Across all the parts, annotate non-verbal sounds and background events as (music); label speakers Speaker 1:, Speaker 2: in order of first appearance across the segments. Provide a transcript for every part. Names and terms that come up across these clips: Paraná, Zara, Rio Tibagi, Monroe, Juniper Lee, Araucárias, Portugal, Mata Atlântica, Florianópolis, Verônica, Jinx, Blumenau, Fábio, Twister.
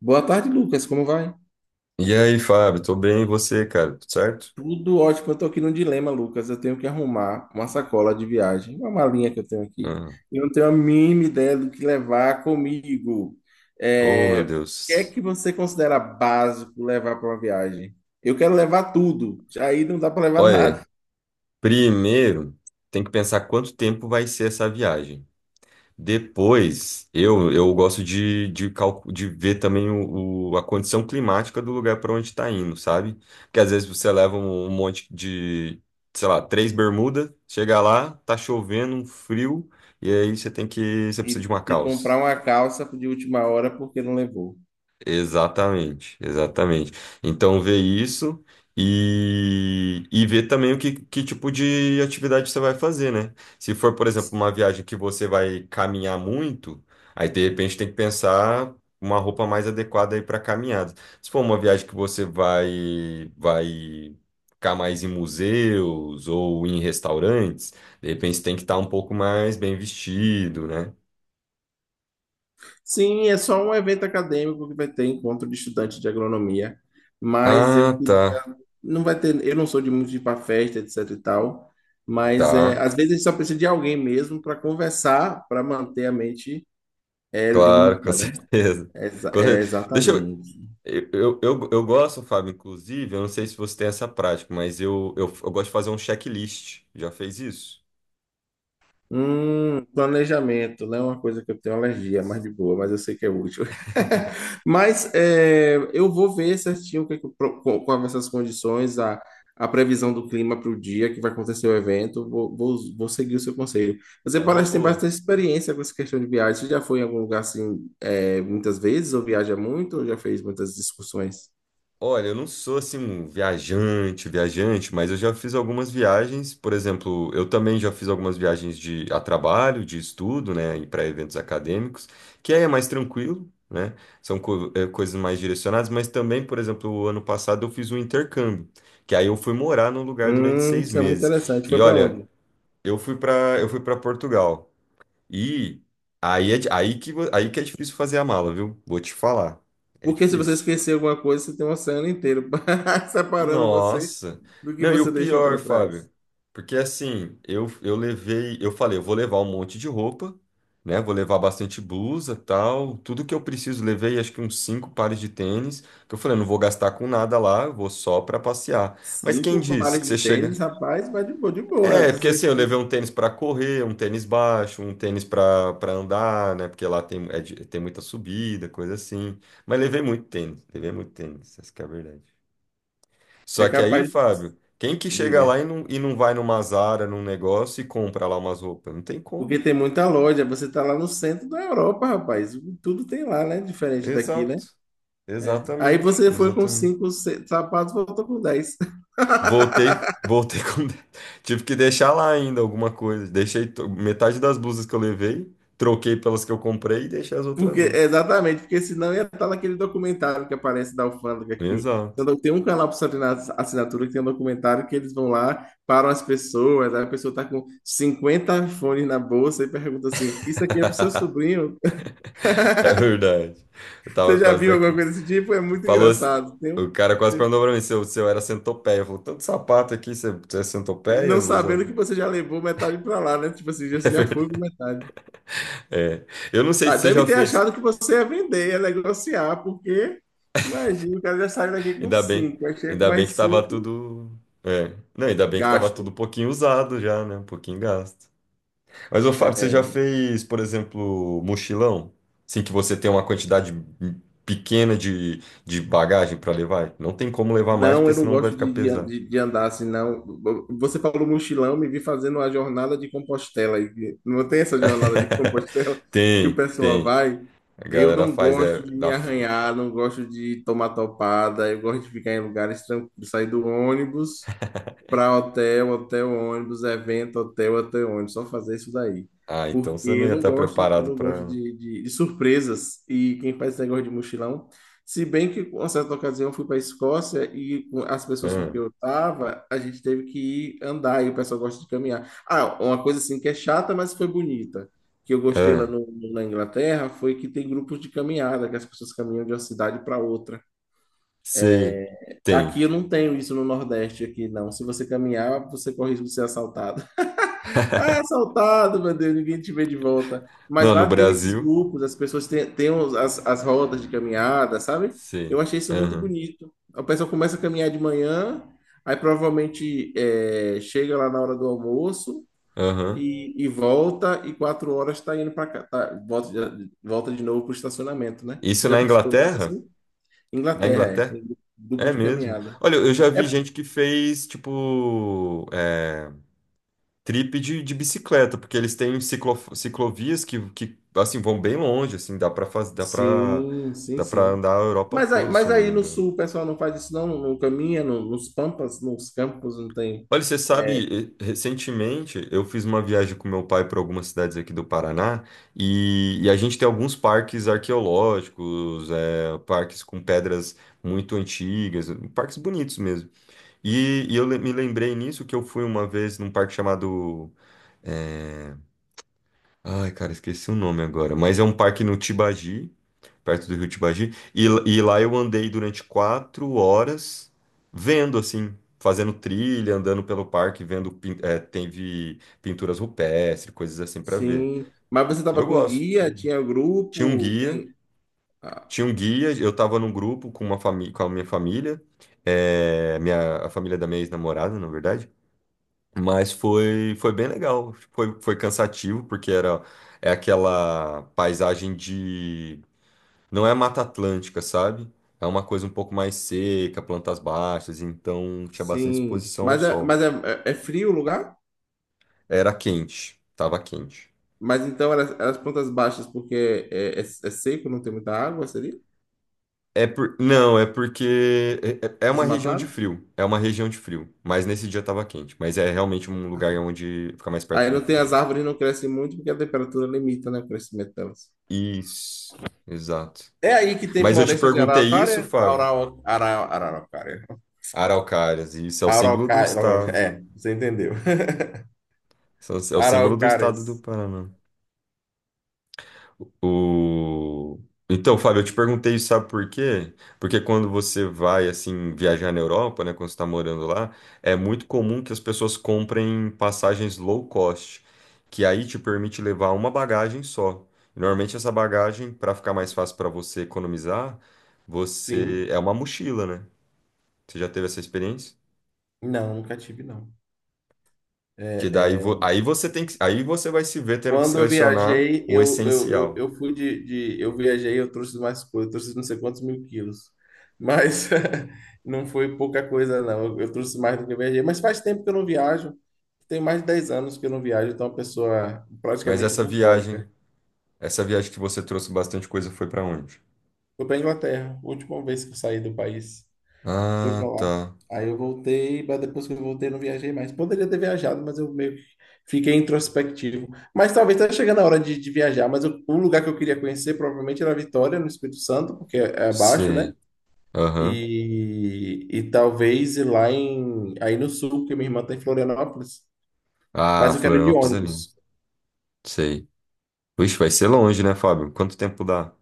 Speaker 1: Boa tarde, Lucas. Como vai?
Speaker 2: E aí, Fábio, tô bem, e você, cara? Tudo certo?
Speaker 1: Tudo ótimo. Eu tô aqui num dilema, Lucas. Eu tenho que arrumar uma sacola de viagem, uma malinha que eu tenho aqui.
Speaker 2: Ah,
Speaker 1: Eu não tenho a mínima ideia do que levar comigo.
Speaker 2: oh, meu
Speaker 1: O que é
Speaker 2: Deus.
Speaker 1: que você considera básico levar para uma viagem? Eu quero levar tudo. Aí não dá para levar
Speaker 2: Olha,
Speaker 1: nada.
Speaker 2: primeiro tem que pensar quanto tempo vai ser essa viagem. Depois, eu gosto de ver também a condição climática do lugar para onde está indo, sabe? Porque às vezes você leva um monte de, sei lá, três bermudas, chega lá, tá chovendo, um frio, e aí você precisa de
Speaker 1: E,
Speaker 2: uma
Speaker 1: e
Speaker 2: calça.
Speaker 1: comprar uma calça de última hora porque não levou.
Speaker 2: Exatamente, exatamente. Então, ver isso e ver também que tipo de atividade você vai fazer, né? Se for, por exemplo, uma viagem que você vai caminhar muito, aí de repente tem que pensar uma roupa mais adequada aí para caminhada. Se for uma viagem que você vai ficar mais em museus ou em restaurantes, de repente tem que estar um pouco mais bem vestido, né?
Speaker 1: Sim, é só um evento acadêmico que vai ter encontro de estudante de agronomia, mas eu
Speaker 2: Ah, tá,
Speaker 1: queria, não vai ter, eu não sou de muito de ir para festa, etc e tal, mas
Speaker 2: tá.
Speaker 1: às vezes a gente só precisa de alguém mesmo para conversar, para manter a mente
Speaker 2: Claro, com (laughs)
Speaker 1: limpa, né?
Speaker 2: certeza. Com certeza. Deixa eu.
Speaker 1: Exatamente.
Speaker 2: Eu gosto, Fábio, inclusive, eu não sei se você tem essa prática, mas eu gosto de fazer um checklist. Já fez isso?
Speaker 1: Planejamento não é uma coisa que eu tenho alergia, mas de boa, mas eu sei que é útil. (laughs) Mas eu vou ver certinho o que, é que eu pro- co- quais essas condições, a previsão do clima para o dia que vai acontecer o evento. Vou seguir o seu conselho. Você
Speaker 2: É uma
Speaker 1: parece ter
Speaker 2: boa.
Speaker 1: bastante experiência com essa questão de viagem. Você já foi em algum lugar assim, muitas vezes, ou viaja muito, ou já fez muitas discussões?
Speaker 2: Olha, eu não sou assim um viajante, viajante, mas eu já fiz algumas viagens. Por exemplo, eu também já fiz algumas viagens de a trabalho, de estudo, né, e para eventos acadêmicos, que aí é mais tranquilo, né? São coisas mais direcionadas, mas também, por exemplo, o ano passado eu fiz um intercâmbio, que aí eu fui morar num lugar durante seis
Speaker 1: Isso é muito
Speaker 2: meses.
Speaker 1: interessante.
Speaker 2: E
Speaker 1: Foi para
Speaker 2: olha,
Speaker 1: onde?
Speaker 2: eu fui para Portugal. E aí que é difícil fazer a mala, viu? Vou te falar. É
Speaker 1: Porque se você
Speaker 2: difícil.
Speaker 1: esquecer alguma coisa, você tem um oceano inteiro (laughs) separando você
Speaker 2: Nossa.
Speaker 1: do que
Speaker 2: Não, e
Speaker 1: você
Speaker 2: o
Speaker 1: deixou para
Speaker 2: pior,
Speaker 1: trás.
Speaker 2: Fábio, porque assim, eu falei, eu vou levar um monte de roupa, né? Vou levar bastante blusa, tal, tudo que eu preciso, levei acho que uns cinco pares de tênis, que eu falei, não vou gastar com nada lá, eu vou só pra passear. Mas quem
Speaker 1: Cinco
Speaker 2: disse
Speaker 1: pares
Speaker 2: que
Speaker 1: de
Speaker 2: você chega?
Speaker 1: tênis, rapaz, vai de boa, de boa.
Speaker 2: É, porque
Speaker 1: Você
Speaker 2: assim, eu levei um tênis pra correr, um tênis baixo, um tênis pra para andar, né? Porque lá tem muita subida, coisa assim. Mas levei muito tênis, essa que é a verdade.
Speaker 1: é
Speaker 2: Só que aí,
Speaker 1: capaz,
Speaker 2: Fábio, quem que
Speaker 1: de...
Speaker 2: chega lá e
Speaker 1: diga.
Speaker 2: não, e não vai numa Zara, num negócio e compra lá umas roupas? Não tem
Speaker 1: Porque
Speaker 2: como.
Speaker 1: tem muita loja, você tá lá no centro da Europa, rapaz. Tudo tem lá, né? Diferente daqui, né?
Speaker 2: Exato.
Speaker 1: É. Aí
Speaker 2: Exatamente.
Speaker 1: você foi com
Speaker 2: Exatamente.
Speaker 1: cinco se- sapatos, voltou com dez.
Speaker 2: Voltei, voltei com. (laughs) Tive que deixar lá ainda alguma coisa. Deixei metade das blusas que eu levei, troquei pelas que eu comprei e deixei as outras
Speaker 1: Porque,
Speaker 2: lá.
Speaker 1: exatamente, porque senão ia estar naquele documentário que aparece da alfândega aqui.
Speaker 2: Exato. (laughs)
Speaker 1: Então, tem um canal para assinatura que tem um documentário que eles vão lá, param as pessoas, aí a pessoa está com 50 fones na bolsa e pergunta assim: isso aqui é pro seu sobrinho?
Speaker 2: É
Speaker 1: (laughs)
Speaker 2: verdade. Eu tava
Speaker 1: Você já
Speaker 2: quase
Speaker 1: viu alguma
Speaker 2: daqui.
Speaker 1: coisa desse tipo? É muito
Speaker 2: Falou.
Speaker 1: engraçado.
Speaker 2: O cara quase perguntou
Speaker 1: Tem-
Speaker 2: pra mim se eu era centopeia. Falou, tanto sapato aqui, você é
Speaker 1: Não
Speaker 2: centopeia? Usa.
Speaker 1: sabendo que você
Speaker 2: (laughs)
Speaker 1: já levou metade para lá, né? Tipo assim,
Speaker 2: É
Speaker 1: você já foi
Speaker 2: verdade.
Speaker 1: com metade.
Speaker 2: É. Eu não sei
Speaker 1: Ah,
Speaker 2: se você
Speaker 1: deve
Speaker 2: já
Speaker 1: ter
Speaker 2: fez.
Speaker 1: achado que você ia vender, ia negociar, porque imagina, o cara já saiu daqui com
Speaker 2: Ainda bem.
Speaker 1: cinco, aí chega com
Speaker 2: Ainda bem
Speaker 1: mais
Speaker 2: que tava
Speaker 1: cinco,
Speaker 2: tudo. É. Não, ainda bem que tava tudo
Speaker 1: gasto.
Speaker 2: um pouquinho usado já, né? Um pouquinho gasto. Mas, ô Fábio, você já
Speaker 1: É,
Speaker 2: fez, por exemplo, mochilão? Assim que você tem uma quantidade pequena de bagagem para levar? Não tem como levar mais,
Speaker 1: Não,
Speaker 2: porque
Speaker 1: eu não
Speaker 2: senão vai
Speaker 1: gosto
Speaker 2: ficar pesado.
Speaker 1: de andar assim, não. Você falou mochilão, me vi fazendo a jornada de Compostela. E não tem essa jornada de
Speaker 2: (laughs)
Speaker 1: Compostela (laughs) que o
Speaker 2: Tem,
Speaker 1: pessoal
Speaker 2: tem.
Speaker 1: vai.
Speaker 2: A
Speaker 1: Eu
Speaker 2: galera
Speaker 1: não
Speaker 2: faz,
Speaker 1: gosto
Speaker 2: é.
Speaker 1: de me
Speaker 2: Dá
Speaker 1: arranhar, não gosto de tomar topada, eu gosto de ficar em lugares tranquilos, sair do ônibus para hotel, hotel, ônibus, evento, hotel, hotel, ônibus, só fazer isso daí.
Speaker 2: Ah, então
Speaker 1: Porque
Speaker 2: você não ia estar
Speaker 1: eu
Speaker 2: preparado
Speaker 1: não gosto
Speaker 2: para.
Speaker 1: de surpresas. E quem faz esse negócio de mochilão, se bem que, com certa ocasião, eu fui para a Escócia e com as pessoas com que
Speaker 2: Ah,
Speaker 1: eu estava, a gente teve que ir andar e o pessoal gosta de caminhar. Ah, uma coisa assim que é chata, mas foi bonita, que eu gostei lá
Speaker 2: ah,
Speaker 1: no, na Inglaterra, foi que tem grupos de caminhada, que as pessoas caminham de uma cidade para outra.
Speaker 2: sei. Tem.
Speaker 1: Aqui eu não tenho isso no Nordeste, aqui não. Se você caminhar, você corre risco de ser assaltado. Ah, assaltado, meu Deus, ninguém te vê de volta. Mas
Speaker 2: Não, no
Speaker 1: lá tem esses
Speaker 2: Brasil.
Speaker 1: grupos, as pessoas as rodas de caminhada, sabe? Eu
Speaker 2: Sei.
Speaker 1: achei isso muito
Speaker 2: Aham.
Speaker 1: bonito. A pessoa começa a caminhar de manhã, aí provavelmente chega lá na hora do almoço
Speaker 2: Aham.
Speaker 1: e volta, e 4 horas está indo para cá, tá, volta de novo para o estacionamento, né? Você
Speaker 2: Isso
Speaker 1: já
Speaker 2: na
Speaker 1: participou de algo
Speaker 2: Inglaterra?
Speaker 1: assim?
Speaker 2: Na
Speaker 1: Inglaterra, é,
Speaker 2: Inglaterra?
Speaker 1: tem grupo
Speaker 2: É
Speaker 1: de
Speaker 2: mesmo.
Speaker 1: caminhada.
Speaker 2: Olha, eu já vi
Speaker 1: É,
Speaker 2: gente que fez, tipo, trip de bicicleta, porque eles têm ciclovias que, assim, vão bem longe, assim, dá pra fazer, dá pra,
Speaker 1: sim, sim,
Speaker 2: dá pra
Speaker 1: sim.
Speaker 2: andar a Europa
Speaker 1: Mas aí,
Speaker 2: toda, se
Speaker 1: mas
Speaker 2: eu não me
Speaker 1: aí no
Speaker 2: engano.
Speaker 1: sul o pessoal não faz isso, não? Não caminha no- nos pampas, nos campos, não tem.
Speaker 2: Olha, você sabe, recentemente eu fiz uma viagem com meu pai para algumas cidades aqui do Paraná e a gente tem alguns parques arqueológicos, parques com pedras muito antigas, parques bonitos mesmo. E me lembrei nisso que eu fui uma vez num parque chamado é, Ai, cara, esqueci o nome agora. Mas é um parque no Tibagi, perto do Rio Tibagi. E lá eu andei durante 4 horas vendo, assim, fazendo trilha, andando pelo parque, teve pinturas rupestres, coisas assim pra ver.
Speaker 1: Sim. Mas você
Speaker 2: E
Speaker 1: estava
Speaker 2: eu
Speaker 1: com
Speaker 2: gosto.
Speaker 1: guia, tinha
Speaker 2: Tinha um
Speaker 1: grupo,
Speaker 2: guia,
Speaker 1: tem. Ah,
Speaker 2: tinha um guia, eu tava num grupo com a minha família, a família da minha ex-namorada, na verdade. Mas foi bem legal. Foi cansativo, porque é aquela paisagem de. Não é Mata Atlântica, sabe? É uma coisa um pouco mais seca, plantas baixas, então tinha bastante
Speaker 1: sim.
Speaker 2: exposição ao
Speaker 1: Mas é,
Speaker 2: sol.
Speaker 1: mas é, é é frio o lugar?
Speaker 2: Era quente, tava quente.
Speaker 1: Mas então elas plantas baixas, porque é seco, não tem muita água, seria?
Speaker 2: Não, é porque é uma região de
Speaker 1: Desmataram?
Speaker 2: frio. É uma região de frio. Mas nesse dia tava quente. Mas é realmente um lugar
Speaker 1: Assim.
Speaker 2: onde fica mais
Speaker 1: Aí
Speaker 2: perto do
Speaker 1: não tem
Speaker 2: frio
Speaker 1: as
Speaker 2: mesmo.
Speaker 1: árvores, não crescem muito, porque a temperatura limita, né, o crescimento delas.
Speaker 2: Isso, exato.
Speaker 1: É aí que tem
Speaker 2: Mas eu te
Speaker 1: floresta de
Speaker 2: perguntei isso,
Speaker 1: araucária?
Speaker 2: Fábio.
Speaker 1: Araucária.
Speaker 2: Araucárias, e isso é o símbolo do
Speaker 1: Araucária.
Speaker 2: estado.
Speaker 1: É, você entendeu.
Speaker 2: Isso é o símbolo do estado do
Speaker 1: Araucárias.
Speaker 2: Paraná. O... Então, Fábio, eu te perguntei isso, sabe por quê? Porque quando você vai, assim, viajar na Europa, né, quando você está morando lá, é muito comum que as pessoas comprem passagens low cost, que aí te permite levar uma bagagem só. Normalmente essa bagagem, para ficar mais fácil para você economizar, você
Speaker 1: Sim.
Speaker 2: é uma mochila, né? Você já teve essa experiência?
Speaker 1: Não, nunca tive, não.
Speaker 2: Que daí
Speaker 1: É,
Speaker 2: vo-
Speaker 1: é,
Speaker 2: aí você tem que, Aí você vai se ver tendo que
Speaker 1: quando eu
Speaker 2: selecionar
Speaker 1: viajei,
Speaker 2: o
Speaker 1: eu, eu, eu,
Speaker 2: essencial.
Speaker 1: eu fui eu viajei, eu trouxe mais coisa, eu trouxe não sei quantos mil quilos. Mas (laughs) não foi pouca coisa, não. Eu trouxe mais do que eu viajei. Mas faz tempo que eu não viajo. Tem mais de 10 anos que eu não viajo, então é uma pessoa
Speaker 2: Mas
Speaker 1: praticamente bucólica.
Speaker 2: essa viagem que você trouxe bastante coisa foi pra onde?
Speaker 1: Fui para Inglaterra, última vez que eu saí do país. Fui pra
Speaker 2: Ah,
Speaker 1: lá.
Speaker 2: tá.
Speaker 1: Aí eu voltei, mas depois que eu voltei, eu não viajei mais. Poderia ter viajado, mas eu meio que fiquei introspectivo. Mas talvez tá chegando a hora de viajar. Mas eu- o lugar que eu queria conhecer provavelmente era Vitória, no Espírito Santo, porque é abaixo, né?
Speaker 2: Sei. Aham.
Speaker 1: E talvez ir lá em, aí no sul, porque minha irmã tá em Florianópolis.
Speaker 2: Ah,
Speaker 1: Mas eu quero ir de
Speaker 2: Florianópolis é lindo.
Speaker 1: ônibus.
Speaker 2: Sei. Vixe, vai ser longe, né, Fábio? Quanto tempo dá?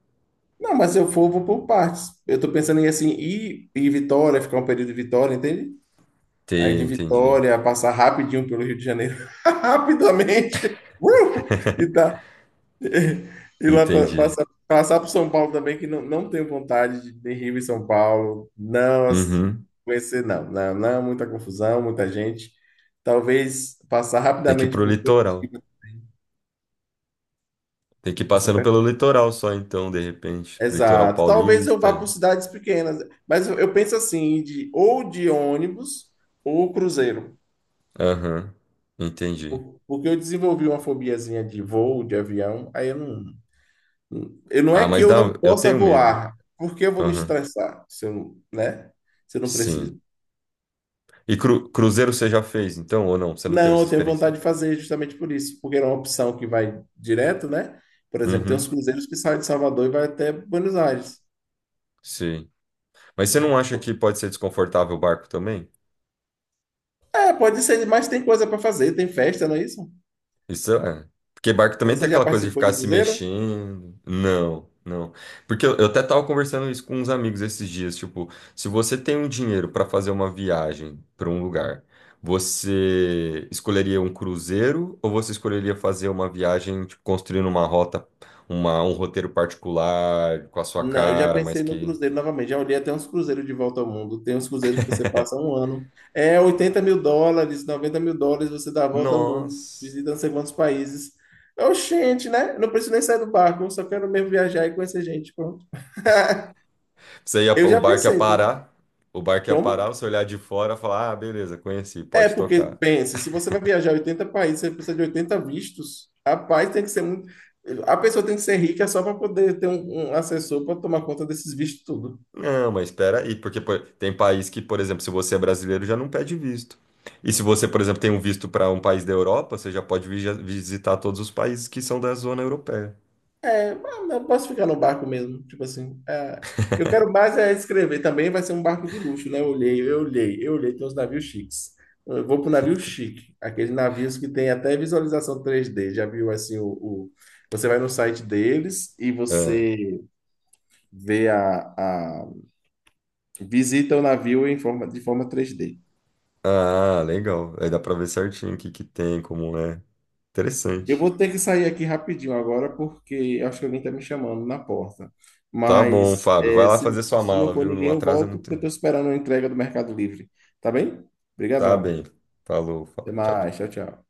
Speaker 1: Não, mas se eu for, eu vou por partes. Eu tô pensando em assim, ir em Vitória, ficar um período em Vitória, entende? Aí
Speaker 2: Te,
Speaker 1: de
Speaker 2: Entendi.
Speaker 1: Vitória, passar rapidinho pelo Rio de Janeiro, (laughs) rapidamente, uh, e tá. E lá
Speaker 2: Entendi.
Speaker 1: passar por São Paulo também, que não, não tenho vontade de Rio e São Paulo.
Speaker 2: Uhum.
Speaker 1: Conhecer, não, não, não, muita confusão, muita gente. Talvez passar
Speaker 2: Tem que ir
Speaker 1: rapidamente
Speaker 2: pro
Speaker 1: por
Speaker 2: litoral.
Speaker 1: Curitiba.
Speaker 2: Tem que ir
Speaker 1: Você
Speaker 2: passando
Speaker 1: pergunta.
Speaker 2: pelo litoral só então, de repente. Litoral
Speaker 1: Exato. Talvez eu vá
Speaker 2: paulista.
Speaker 1: por cidades pequenas, mas eu penso assim, ou de ônibus ou cruzeiro.
Speaker 2: Aham. Entendi.
Speaker 1: Porque eu desenvolvi uma fobiazinha de voo, de avião, aí eu não. Eu, não é
Speaker 2: Ah,
Speaker 1: que
Speaker 2: mas
Speaker 1: eu
Speaker 2: dá,
Speaker 1: não
Speaker 2: eu
Speaker 1: possa
Speaker 2: tenho medo.
Speaker 1: voar, porque eu vou me
Speaker 2: Aham.
Speaker 1: estressar se eu, né? Se eu não
Speaker 2: Sim.
Speaker 1: preciso.
Speaker 2: E cruzeiro você já fez, então, ou não? Você não teve
Speaker 1: Não,
Speaker 2: essa
Speaker 1: eu tenho
Speaker 2: experiência?
Speaker 1: vontade de fazer justamente por isso, porque era uma opção que vai direto, né? Por exemplo, tem uns
Speaker 2: Uhum,
Speaker 1: cruzeiros que saem de Salvador e vai até Buenos Aires,
Speaker 2: sim. Mas você não
Speaker 1: né?
Speaker 2: acha que pode ser desconfortável o barco também?
Speaker 1: É, pode ser, mas tem coisa para fazer, tem festa, não é isso?
Speaker 2: Isso é. Porque barco também tem
Speaker 1: Você já
Speaker 2: aquela coisa de
Speaker 1: participou
Speaker 2: ficar
Speaker 1: de
Speaker 2: se
Speaker 1: cruzeiro?
Speaker 2: mexendo. Não, não. Porque eu até tava conversando isso com uns amigos esses dias. Tipo, se você tem um dinheiro para fazer uma viagem para um lugar, você escolheria um cruzeiro ou você escolheria fazer uma viagem, tipo, construindo uma rota, um roteiro particular com a sua
Speaker 1: Não, eu já
Speaker 2: cara, mas
Speaker 1: pensei no
Speaker 2: que.
Speaker 1: cruzeiro novamente. Já olhei até uns cruzeiros de volta ao mundo. Tem uns cruzeiros que você passa um ano. É US$ 80.000, US$ 90.000, você dá a volta ao mundo,
Speaker 2: Nossa.
Speaker 1: visita não sei quantos países. Oxente, né? Não preciso nem sair do barco, só quero mesmo viajar e conhecer gente. Pronto. (laughs)
Speaker 2: Você ia,
Speaker 1: Eu
Speaker 2: o
Speaker 1: já
Speaker 2: barco ia
Speaker 1: pensei, né?
Speaker 2: parar, O barco ia
Speaker 1: Como?
Speaker 2: parar, você olhar de fora e falar, ah, beleza, conheci,
Speaker 1: É,
Speaker 2: pode
Speaker 1: porque
Speaker 2: tocar.
Speaker 1: pense, se você vai viajar 80 países, você precisa de 80 vistos. Rapaz, tem que ser muito. A pessoa tem que ser rica só para poder ter um assessor para tomar conta desses vistos tudo.
Speaker 2: Não, mas espera aí, porque pô, tem país que, por exemplo, se você é brasileiro, já não pede visto. E se você, por exemplo, tem um visto para um país da Europa, você já pode visitar todos os países que são da zona europeia.
Speaker 1: Ah, não, posso ficar no barco mesmo, tipo assim. Eu quero mais é escrever. Também vai ser um barco de luxo, né? Eu olhei. Tem uns navios chiques. Eu vou pro navio
Speaker 2: (laughs)
Speaker 1: chique, aqueles navios que tem até visualização 3D. Já viu assim você vai no site deles e você vê a, a- visita o navio em forma de forma 3D.
Speaker 2: Ah, ah, legal. Aí dá para ver certinho o que que tem, como é.
Speaker 1: Eu
Speaker 2: Interessante.
Speaker 1: vou ter que sair aqui rapidinho agora, porque acho que alguém está me chamando na porta.
Speaker 2: Tá bom,
Speaker 1: Mas
Speaker 2: Fábio. Vai lá fazer sua
Speaker 1: se não
Speaker 2: mala,
Speaker 1: for
Speaker 2: viu? Não
Speaker 1: ninguém, eu
Speaker 2: atrasa
Speaker 1: volto,
Speaker 2: muito,
Speaker 1: porque eu
Speaker 2: não.
Speaker 1: estou esperando a entrega do Mercado Livre. Tá bem?
Speaker 2: Tá bem.
Speaker 1: Obrigadão.
Speaker 2: Falou,
Speaker 1: Até
Speaker 2: Fábio. Tchau, tchau.
Speaker 1: mais. Tchau, tchau.